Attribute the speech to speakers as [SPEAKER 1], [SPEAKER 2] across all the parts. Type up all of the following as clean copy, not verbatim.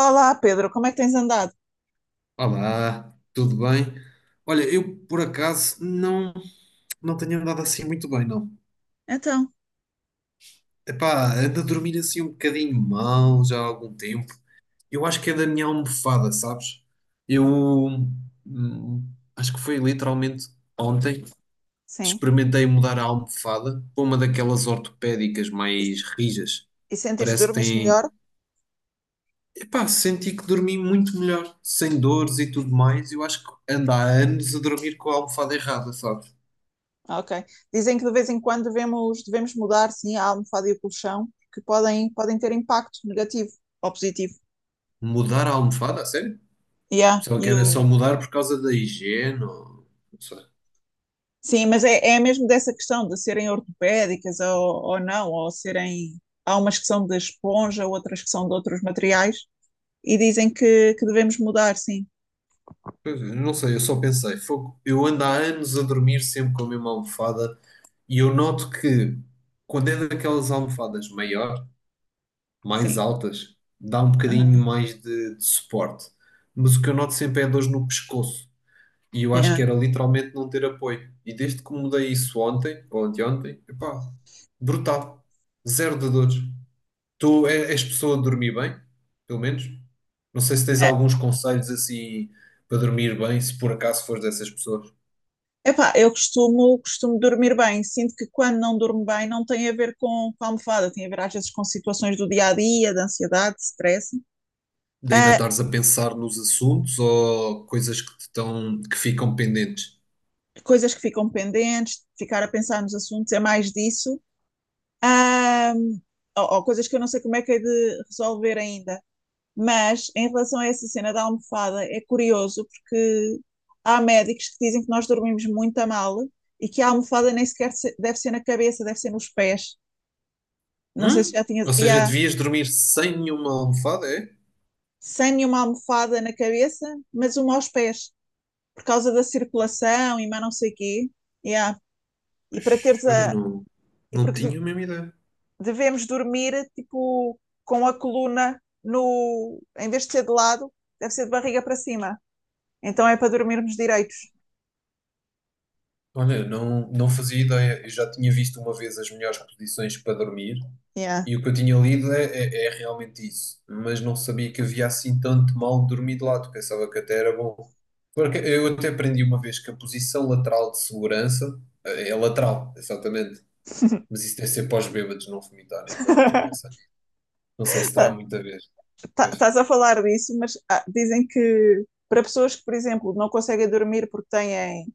[SPEAKER 1] Olá, Pedro, como é que tens andado?
[SPEAKER 2] Olá, tudo bem? Olha, eu por acaso não tenho andado assim muito bem, não.
[SPEAKER 1] Então,
[SPEAKER 2] Epá, ando a dormir assim um bocadinho mal já há algum tempo. Eu acho que é da minha almofada, sabes? Eu hum, Acho que foi literalmente ontem
[SPEAKER 1] sim.
[SPEAKER 2] experimentei mudar a almofada para uma daquelas ortopédicas
[SPEAKER 1] E,
[SPEAKER 2] mais rijas.
[SPEAKER 1] e sentes que
[SPEAKER 2] Parece que
[SPEAKER 1] dormiste melhor?
[SPEAKER 2] tem. Epá, senti que dormi muito melhor, sem dores e tudo mais. Eu acho que ando há anos a dormir com a almofada errada, sabes?
[SPEAKER 1] Ah, Ok. Dizem que de vez em quando devemos mudar, sim, a almofada e o colchão, que podem ter impacto negativo ou positivo.
[SPEAKER 2] Mudar a almofada, a sério?
[SPEAKER 1] Yeah,
[SPEAKER 2] Pensava que
[SPEAKER 1] e
[SPEAKER 2] era só
[SPEAKER 1] o...
[SPEAKER 2] mudar por causa da higiene, não sei.
[SPEAKER 1] Sim, mas é mesmo dessa questão de serem ortopédicas ou não, ou serem. Há umas que são de esponja, outras que são de outros materiais, e dizem que devemos mudar, sim.
[SPEAKER 2] Pois é, não sei, eu só pensei, fogo, eu ando há anos a dormir sempre com a mesma almofada e eu noto que quando é daquelas almofadas maior, mais
[SPEAKER 1] Sim.
[SPEAKER 2] altas, dá um bocadinho
[SPEAKER 1] Aham.
[SPEAKER 2] mais de suporte. Mas o que eu noto sempre é dores no pescoço e eu acho que
[SPEAKER 1] Yeah.
[SPEAKER 2] era literalmente não ter apoio. E desde que mudei isso ontem, ou anteontem, epá, brutal. Zero de dores. Tu és pessoa de dormir bem, pelo menos? Não sei se tens alguns conselhos assim para dormir bem, se por acaso fores dessas pessoas.
[SPEAKER 1] Epá, eu costumo dormir bem. Sinto que quando não durmo bem não tem a ver com a almofada, tem a ver às vezes com situações do dia a dia, de ansiedade, de stress.
[SPEAKER 2] De ainda
[SPEAKER 1] Ah,
[SPEAKER 2] estares a pensar nos assuntos ou coisas que te estão, que ficam pendentes.
[SPEAKER 1] coisas que ficam pendentes, ficar a pensar nos assuntos, é mais disso. Ah, ou coisas que eu não sei como é que é de resolver ainda. Mas em relação a essa cena da almofada, é curioso porque há médicos que dizem que nós dormimos muito a mal e que a almofada nem sequer deve ser na cabeça, deve ser nos pés. Não sei se
[SPEAKER 2] Hum?
[SPEAKER 1] já tinhas.
[SPEAKER 2] Ou seja,
[SPEAKER 1] Yeah.
[SPEAKER 2] devias dormir sem nenhuma almofada, é?
[SPEAKER 1] Sem nenhuma almofada na cabeça, mas uma aos pés, por causa da circulação e mais não sei o quê. Yeah. E para
[SPEAKER 2] Pois,
[SPEAKER 1] teres
[SPEAKER 2] olha,
[SPEAKER 1] a.
[SPEAKER 2] não,
[SPEAKER 1] E
[SPEAKER 2] não
[SPEAKER 1] porque
[SPEAKER 2] tinha a mesma ideia.
[SPEAKER 1] devemos dormir tipo com a coluna no. Em vez de ser de lado, deve ser de barriga para cima. Então é para dormirmos direitos.
[SPEAKER 2] Olha, eu não, não fazia ideia. Eu já tinha visto uma vez as melhores posições para dormir
[SPEAKER 1] Yeah.
[SPEAKER 2] e o que eu tinha lido é realmente isso. Mas não sabia que havia assim tanto mal de dormir de lado. Pensava que até era bom. Porque eu até aprendi uma vez que a posição lateral de segurança é lateral, exatamente. Mas isso deve ser para os bêbados não vomitarem, agora que estou a pensar. Não sei se terá
[SPEAKER 1] Tá-
[SPEAKER 2] muita vez. Pois.
[SPEAKER 1] Estás a falar disso, mas dizem que para pessoas que, por exemplo, não conseguem dormir porque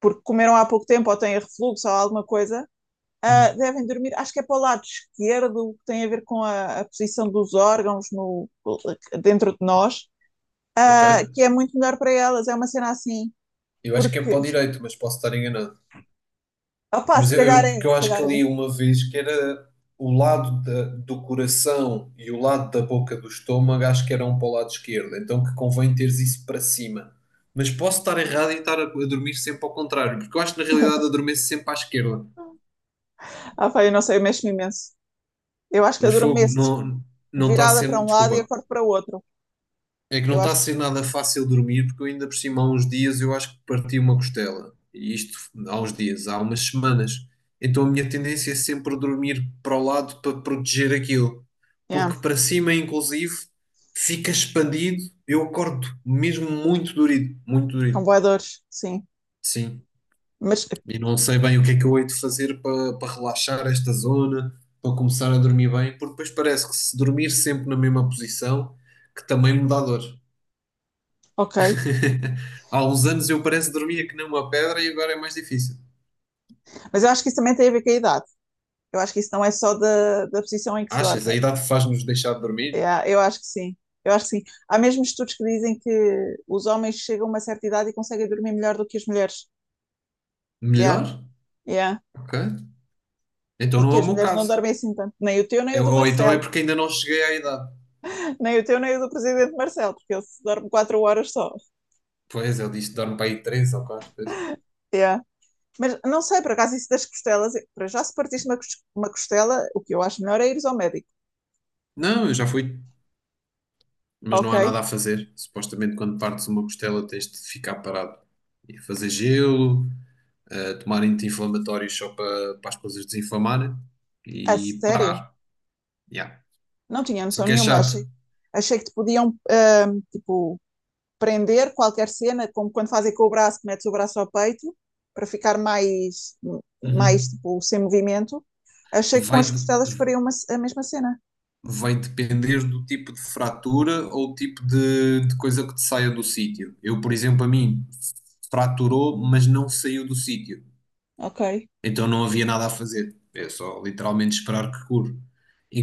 [SPEAKER 1] porque comeram há pouco tempo ou têm refluxo ou alguma coisa,
[SPEAKER 2] Uhum.
[SPEAKER 1] devem dormir, acho que é para o lado esquerdo, que tem a ver com a posição dos órgãos no, dentro de nós,
[SPEAKER 2] Ok.
[SPEAKER 1] que é muito melhor para elas. É uma cena assim,
[SPEAKER 2] Eu acho que é
[SPEAKER 1] porque,
[SPEAKER 2] para o direito, mas posso estar enganado.
[SPEAKER 1] opá,
[SPEAKER 2] Mas
[SPEAKER 1] se calhar é,
[SPEAKER 2] porque eu
[SPEAKER 1] se
[SPEAKER 2] acho que
[SPEAKER 1] calhar é.
[SPEAKER 2] ali uma vez que era do coração e o lado da boca do estômago, acho que eram para o lado esquerdo, então que convém teres isso para cima. Mas posso estar errado em estar a dormir sempre ao contrário, porque eu acho que na realidade adormeço sempre à esquerda.
[SPEAKER 1] Ah, pá, eu não sei, eu mexo-me imenso. Eu acho que
[SPEAKER 2] Mas fogo,
[SPEAKER 1] adormeço
[SPEAKER 2] não, não está
[SPEAKER 1] virada para
[SPEAKER 2] sendo,
[SPEAKER 1] um lado e
[SPEAKER 2] desculpa.
[SPEAKER 1] acordo para o outro.
[SPEAKER 2] É que não
[SPEAKER 1] Eu
[SPEAKER 2] está a
[SPEAKER 1] acho que,
[SPEAKER 2] ser nada fácil dormir, porque eu ainda por cima há uns dias eu acho que parti uma costela. E isto há uns dias, há umas semanas. Então a minha tendência é sempre dormir para o lado para proteger aquilo.
[SPEAKER 1] yeah,
[SPEAKER 2] Porque para cima, inclusive, fica expandido. Eu acordo mesmo muito dorido, muito
[SPEAKER 1] com
[SPEAKER 2] dorido.
[SPEAKER 1] voadores, sim.
[SPEAKER 2] Sim.
[SPEAKER 1] Mas,
[SPEAKER 2] E não sei bem o que é que eu hei de fazer para, para relaxar esta zona, para começar a dormir bem, porque depois parece que se dormir sempre na mesma posição, que também me dá dor.
[SPEAKER 1] ok.
[SPEAKER 2] Há uns anos eu parece que dormia que nem uma pedra e agora é mais difícil.
[SPEAKER 1] Mas eu acho que isso também tem a ver com a idade. Eu acho que isso não é só da posição em que se
[SPEAKER 2] Achas?
[SPEAKER 1] dorme.
[SPEAKER 2] A idade faz-nos deixar de
[SPEAKER 1] É,
[SPEAKER 2] dormir?
[SPEAKER 1] eu acho que sim. Eu acho que sim. Há mesmo estudos que dizem que os homens chegam a uma certa idade e conseguem dormir melhor do que as mulheres. Yeah,
[SPEAKER 2] Melhor?
[SPEAKER 1] yeah.
[SPEAKER 2] Ok. Então
[SPEAKER 1] E
[SPEAKER 2] não
[SPEAKER 1] que
[SPEAKER 2] é o
[SPEAKER 1] as
[SPEAKER 2] meu
[SPEAKER 1] mulheres não
[SPEAKER 2] caso.
[SPEAKER 1] dormem assim tanto. Nem o teu, nem o do
[SPEAKER 2] Ou então é
[SPEAKER 1] Marcelo.
[SPEAKER 2] porque ainda não cheguei à idade.
[SPEAKER 1] Nem o teu, nem o do presidente Marcelo, porque ele se dorme quatro horas só.
[SPEAKER 2] Pois, ele disse que dorme para aí três ou 4 vezes.
[SPEAKER 1] Yeah. Mas não sei, por acaso, isso das costelas. Para já, se partiste uma, uma costela, o que eu acho melhor é ires ao médico.
[SPEAKER 2] Não, eu já fui. Mas
[SPEAKER 1] Ok?
[SPEAKER 2] não há nada a fazer. Supostamente quando partes uma costela tens de ficar parado. E fazer gelo, tomar anti-inflamatórios só para, para as coisas desinflamarem
[SPEAKER 1] A
[SPEAKER 2] e
[SPEAKER 1] sério?
[SPEAKER 2] parar. Yeah.
[SPEAKER 1] Não tinha
[SPEAKER 2] Só
[SPEAKER 1] noção
[SPEAKER 2] que é
[SPEAKER 1] nenhuma,
[SPEAKER 2] chato.
[SPEAKER 1] achei. Achei que te podiam, tipo, prender qualquer cena, como quando fazem com o braço, que metes o braço ao peito, para ficar mais
[SPEAKER 2] Uhum.
[SPEAKER 1] tipo, sem movimento. Achei que com
[SPEAKER 2] Vai,
[SPEAKER 1] as costelas
[SPEAKER 2] de-
[SPEAKER 1] faria a mesma cena.
[SPEAKER 2] vai depender do tipo de fratura ou tipo de coisa que te saia do sítio. Eu, por exemplo, a mim fraturou, mas não saiu do sítio.
[SPEAKER 1] Ok,
[SPEAKER 2] Então não havia nada a fazer. É só literalmente esperar que cure.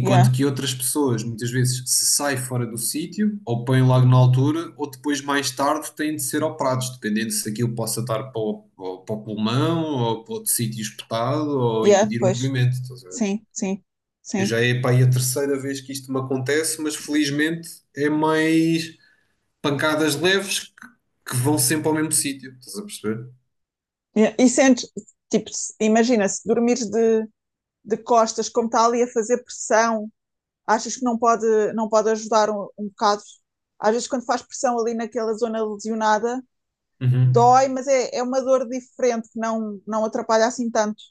[SPEAKER 1] yeah,
[SPEAKER 2] que outras pessoas, muitas vezes, se sai fora do sítio, ou põem logo na altura, ou depois, mais tarde, têm de ser operados, dependendo se aquilo possa estar para para pulmão, ou para outro sítio espetado, ou
[SPEAKER 1] yeah,
[SPEAKER 2] impedir o
[SPEAKER 1] pois,
[SPEAKER 2] movimento. Estás a ver?
[SPEAKER 1] sim, sim,
[SPEAKER 2] Eu
[SPEAKER 1] sim.
[SPEAKER 2] já é, pá, aí a terceira vez que isto me acontece, mas felizmente é mais pancadas leves que vão sempre ao mesmo sítio. Estás a perceber?
[SPEAKER 1] Yeah. E sentes, tipo, imagina, se dormires de costas, como está ali a fazer pressão, achas que não pode ajudar um bocado? Às vezes, quando faz pressão ali naquela zona lesionada,
[SPEAKER 2] Uhum.
[SPEAKER 1] dói, mas é uma dor diferente que não atrapalha assim tanto.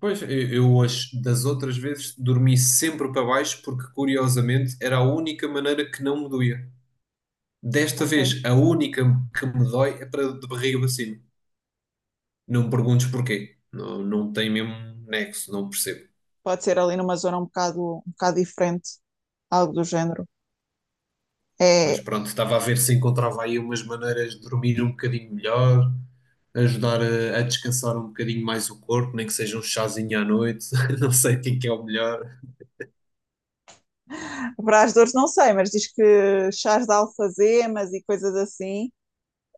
[SPEAKER 2] Pois, das outras vezes dormi sempre para baixo porque, curiosamente, era a única maneira que não me doía. Desta
[SPEAKER 1] Ok.
[SPEAKER 2] vez, a única que me dói é para de barriga para cima. Não me perguntes porquê. Não, não tem mesmo nexo, não percebo.
[SPEAKER 1] Pode ser ali numa zona um bocado diferente, algo do género.
[SPEAKER 2] Mas
[SPEAKER 1] É,
[SPEAKER 2] pronto, estava a ver se encontrava aí umas maneiras de dormir um bocadinho melhor, ajudar a descansar um bocadinho mais o corpo, nem que seja um chazinho à noite, não sei quem que é o melhor.
[SPEAKER 1] para as dores não sei, mas diz que chás de alfazemas e coisas assim,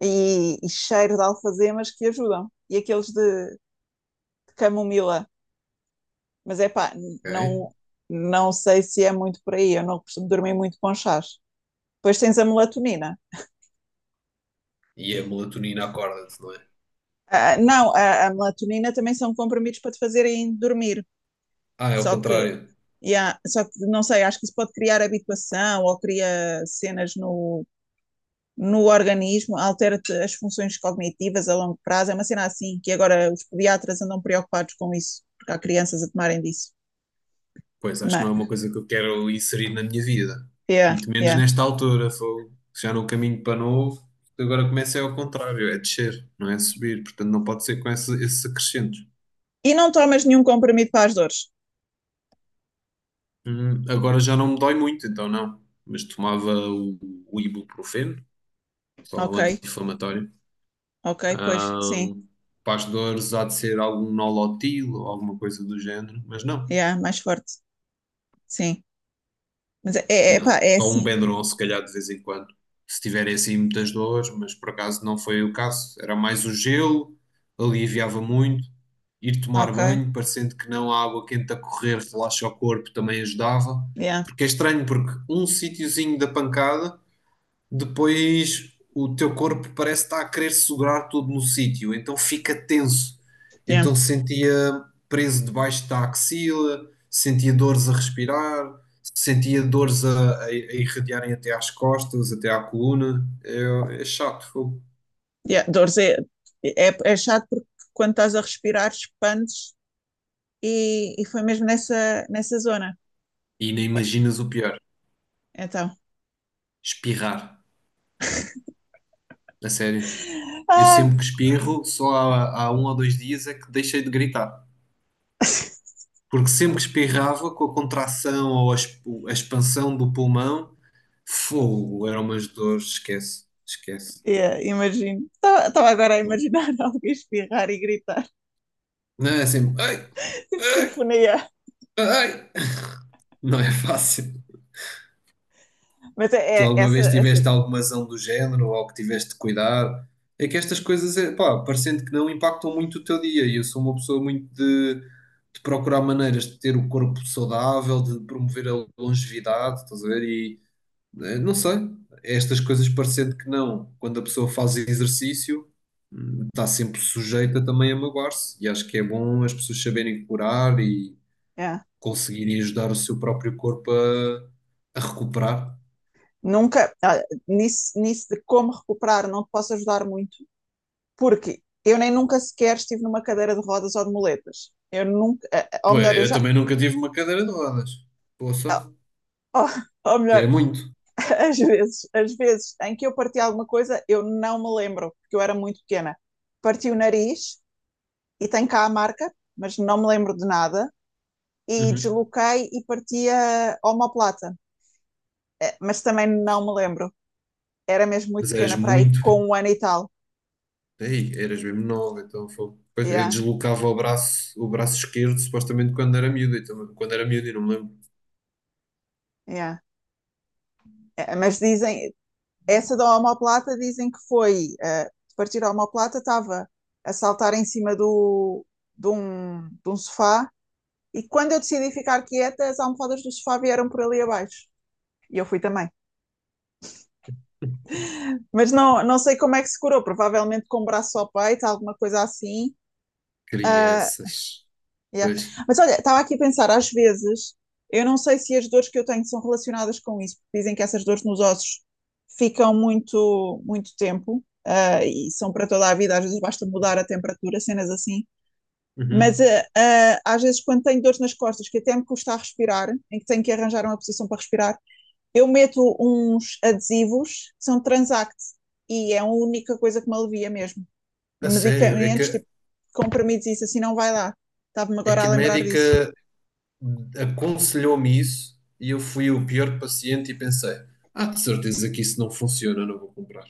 [SPEAKER 1] e cheiro de alfazemas que ajudam. E aqueles de camomila. Mas é pá,
[SPEAKER 2] Ok?
[SPEAKER 1] não, não sei se é muito por aí, eu não costumo dormir muito com chás. Depois tens a melatonina.
[SPEAKER 2] E a melatonina acorda-te, não é?
[SPEAKER 1] Ah, não, a melatonina também são comprimidos para te fazerem dormir.
[SPEAKER 2] Ah, é o
[SPEAKER 1] Só que
[SPEAKER 2] contrário.
[SPEAKER 1] Yeah, só que não sei, acho que isso pode criar habituação ou cria cenas no organismo, altera-te as funções cognitivas a longo prazo. É uma cena assim que agora os pediatras andam preocupados com isso, porque há crianças a tomarem disso.
[SPEAKER 2] Pois, acho que não
[SPEAKER 1] Mas,
[SPEAKER 2] é uma coisa que eu quero inserir na minha vida.
[SPEAKER 1] yeah,
[SPEAKER 2] Muito menos
[SPEAKER 1] yeah.
[SPEAKER 2] nesta altura, fogo. Já no caminho para novo, agora começa é ao contrário, é descer, não é subir. Portanto, não pode ser com esse acrescento.
[SPEAKER 1] E não tomas nenhum comprimido para as dores.
[SPEAKER 2] Agora já não me dói muito, então não. Mas tomava o ibuprofeno, só um
[SPEAKER 1] Ok,
[SPEAKER 2] anti-inflamatório.
[SPEAKER 1] ok, pois, sim,
[SPEAKER 2] Ahm, para as dores há de ser algum nolotil ou alguma coisa do género, mas não.
[SPEAKER 1] yeah, mais forte, sim. Mas é, pá,
[SPEAKER 2] Não,
[SPEAKER 1] é
[SPEAKER 2] só um
[SPEAKER 1] assim,
[SPEAKER 2] Benuron se calhar de vez em quando. Se tiverem assim muitas dores, mas por acaso não foi o caso. Era mais o gelo, aliviava muito. Ir tomar
[SPEAKER 1] ok,
[SPEAKER 2] banho, parecendo que não, a água quente a correr relaxa o corpo, também ajudava.
[SPEAKER 1] yeah,
[SPEAKER 2] Porque é estranho, porque um sítiozinho da pancada depois o teu corpo parece estar a querer segurar tudo no sítio, então fica tenso.
[SPEAKER 1] yeah,
[SPEAKER 2] Então sentia preso debaixo da axila, sentia dores a respirar, sentia dores a irradiarem até às costas, até à coluna. É, é chato, fogo.
[SPEAKER 1] yeah. Dores é chato porque quando estás a respirar expandes e foi mesmo nessa zona.
[SPEAKER 2] E nem imaginas o pior,
[SPEAKER 1] Então,
[SPEAKER 2] espirrar. A sério. Eu
[SPEAKER 1] Ai,
[SPEAKER 2] sempre que espirro, só há um ou dois dias é que deixei de gritar. Porque sempre que espirrava, com a contração ou a a expansão do pulmão, fogo, eram umas dores, esquece, esquece.
[SPEAKER 1] yeah, imagino. Estava agora a imaginar alguém espirrar e gritar.
[SPEAKER 2] Não é sempre. Ai,
[SPEAKER 1] Tipo
[SPEAKER 2] ai,
[SPEAKER 1] sinfonia.
[SPEAKER 2] ai. Não é fácil.
[SPEAKER 1] Mas é,
[SPEAKER 2] Tu
[SPEAKER 1] é
[SPEAKER 2] alguma
[SPEAKER 1] essa.
[SPEAKER 2] vez
[SPEAKER 1] essa
[SPEAKER 2] tiveste alguma zão do género ou algo que tiveste de cuidar? É que estas coisas, é, pá, parecendo que não, impactam muito o teu dia. E eu sou uma pessoa muito de procurar maneiras de ter o corpo saudável, de promover a longevidade, estás a ver? E não sei, é estas coisas parecendo que não, quando a pessoa faz exercício. Está sempre sujeita também a magoar-se. E acho que é bom as pessoas saberem curar e
[SPEAKER 1] Yeah.
[SPEAKER 2] conseguirem ajudar o seu próprio corpo a recuperar.
[SPEAKER 1] Nunca. Nisso de como recuperar, não te posso ajudar muito. Porque eu nem nunca sequer estive numa cadeira de rodas ou de muletas. Eu nunca. Ou
[SPEAKER 2] Pô,
[SPEAKER 1] melhor, eu
[SPEAKER 2] eu
[SPEAKER 1] já.
[SPEAKER 2] também nunca tive uma cadeira de rodas. Poça,
[SPEAKER 1] Ou, ou
[SPEAKER 2] já é
[SPEAKER 1] melhor,
[SPEAKER 2] muito.
[SPEAKER 1] às vezes em que eu parti alguma coisa, eu não me lembro, porque eu era muito pequena. Parti o nariz e tenho cá a marca, mas não me lembro de nada. E
[SPEAKER 2] Uhum.
[SPEAKER 1] desloquei e parti a omoplata. Mas também não me lembro. Era mesmo muito
[SPEAKER 2] Mas eras
[SPEAKER 1] pequena para aí,
[SPEAKER 2] muito.
[SPEAKER 1] com um ano e tal.
[SPEAKER 2] Ei, eras mesmo nova, então foi. Pois, eu
[SPEAKER 1] Yeah,
[SPEAKER 2] deslocava o braço esquerdo, supostamente quando era miúdo. Então, quando era miúdo, eu não me lembro.
[SPEAKER 1] yeah. Mas dizem, essa da omoplata dizem que foi, de partir a omoplata, estava a saltar em cima de um sofá. E quando eu decidi ficar quieta, as almofadas do sofá vieram por ali abaixo. E eu fui também. Mas não sei como é que se curou, provavelmente com o braço ao peito, alguma coisa assim. Ah,
[SPEAKER 2] Crianças.
[SPEAKER 1] yeah.
[SPEAKER 2] Pois.
[SPEAKER 1] Mas olha, estava aqui a pensar, às vezes, eu não sei se as dores que eu tenho são relacionadas com isso, porque dizem que essas dores nos ossos ficam muito, muito tempo, e são para toda a vida, às vezes basta mudar a temperatura, cenas assim. Mas
[SPEAKER 2] Uhum.
[SPEAKER 1] às vezes, quando tenho dores nas costas, que até me custa a respirar, em que tenho que arranjar uma posição para respirar, eu meto uns adesivos que são Transact, e é a única coisa que me alivia mesmo
[SPEAKER 2] A sério,
[SPEAKER 1] medicamentos, tipo comprimidos e isso assim não vai lá. Estava-me
[SPEAKER 2] é
[SPEAKER 1] agora
[SPEAKER 2] que
[SPEAKER 1] a
[SPEAKER 2] a
[SPEAKER 1] lembrar disso.
[SPEAKER 2] médica aconselhou-me isso e eu fui o pior paciente e pensei, ah, de certeza que isso não funciona, não vou comprar.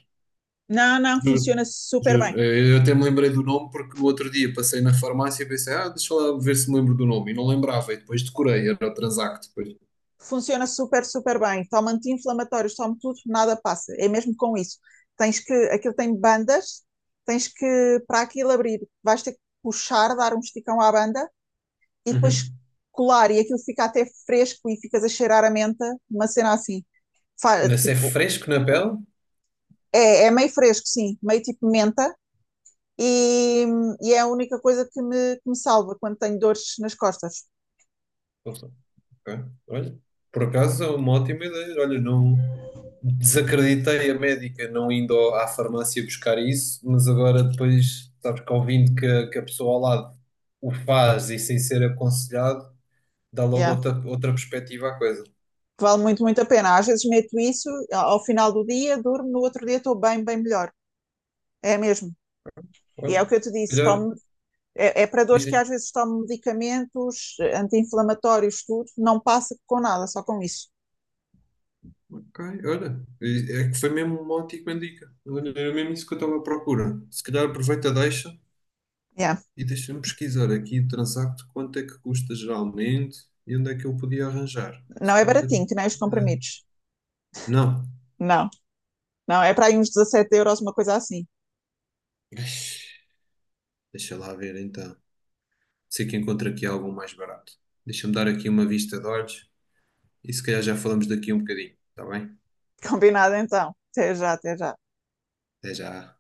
[SPEAKER 1] Não, não,
[SPEAKER 2] Juro,
[SPEAKER 1] funciona super bem.
[SPEAKER 2] juro. Eu até me lembrei do nome porque no outro dia passei na farmácia e pensei, ah, deixa lá ver se me lembro do nome. E não lembrava, e depois decorei, era o Transact depois.
[SPEAKER 1] Funciona super, super bem. Toma anti-inflamatórios, toma tudo, nada passa. É mesmo com isso. Aquilo tem bandas, tens que, para aquilo abrir, vais ter que puxar, dar um esticão à banda e depois
[SPEAKER 2] Uhum.
[SPEAKER 1] colar e aquilo fica até fresco e ficas a cheirar a menta, uma cena assim.
[SPEAKER 2] Mas é
[SPEAKER 1] Tipo,
[SPEAKER 2] fresco na pele?
[SPEAKER 1] é meio fresco, sim, meio tipo menta, e, e é a única coisa que me salva quando tenho dores nas costas.
[SPEAKER 2] Ok. Olha, por acaso é uma ótima ideia. Olha, não desacreditei a médica não indo à farmácia buscar isso, mas agora depois, sabes que ouvindo a que a pessoa ao lado o faz e sem ser aconselhado, dá logo
[SPEAKER 1] Yeah.
[SPEAKER 2] outra, outra perspectiva à coisa.
[SPEAKER 1] Vale muito, muito a pena. Às vezes meto isso, ao final do dia durmo, no outro dia estou bem, bem melhor. É mesmo. E é
[SPEAKER 2] Olha,
[SPEAKER 1] o que eu te disse,
[SPEAKER 2] melhor,
[SPEAKER 1] tomo, é para
[SPEAKER 2] diz,
[SPEAKER 1] dores que
[SPEAKER 2] diz.
[SPEAKER 1] às vezes tomo medicamentos, anti-inflamatórios, tudo, não passa com nada, só com isso.
[SPEAKER 2] Ok, olha, é que foi mesmo uma ótima dica. Olha, era mesmo isso que eu estava à procura. Se calhar aproveita, a deixa.
[SPEAKER 1] Yeah.
[SPEAKER 2] E deixa-me pesquisar aqui o Transacto, quanto é que custa geralmente e onde é que eu podia arranjar?
[SPEAKER 1] Não
[SPEAKER 2] Se
[SPEAKER 1] é
[SPEAKER 2] calhar ter uma
[SPEAKER 1] baratinho, que nem os
[SPEAKER 2] ideia.
[SPEAKER 1] comprimidos.
[SPEAKER 2] Não,
[SPEAKER 1] Não, não, é para aí uns 17 euros, uma coisa assim.
[SPEAKER 2] deixa lá ver então. Sei que encontro aqui algo mais barato. Deixa-me dar aqui uma vista de olhos e se calhar já falamos daqui um bocadinho, está bem?
[SPEAKER 1] Combinado então. Até já, até já.
[SPEAKER 2] Até já.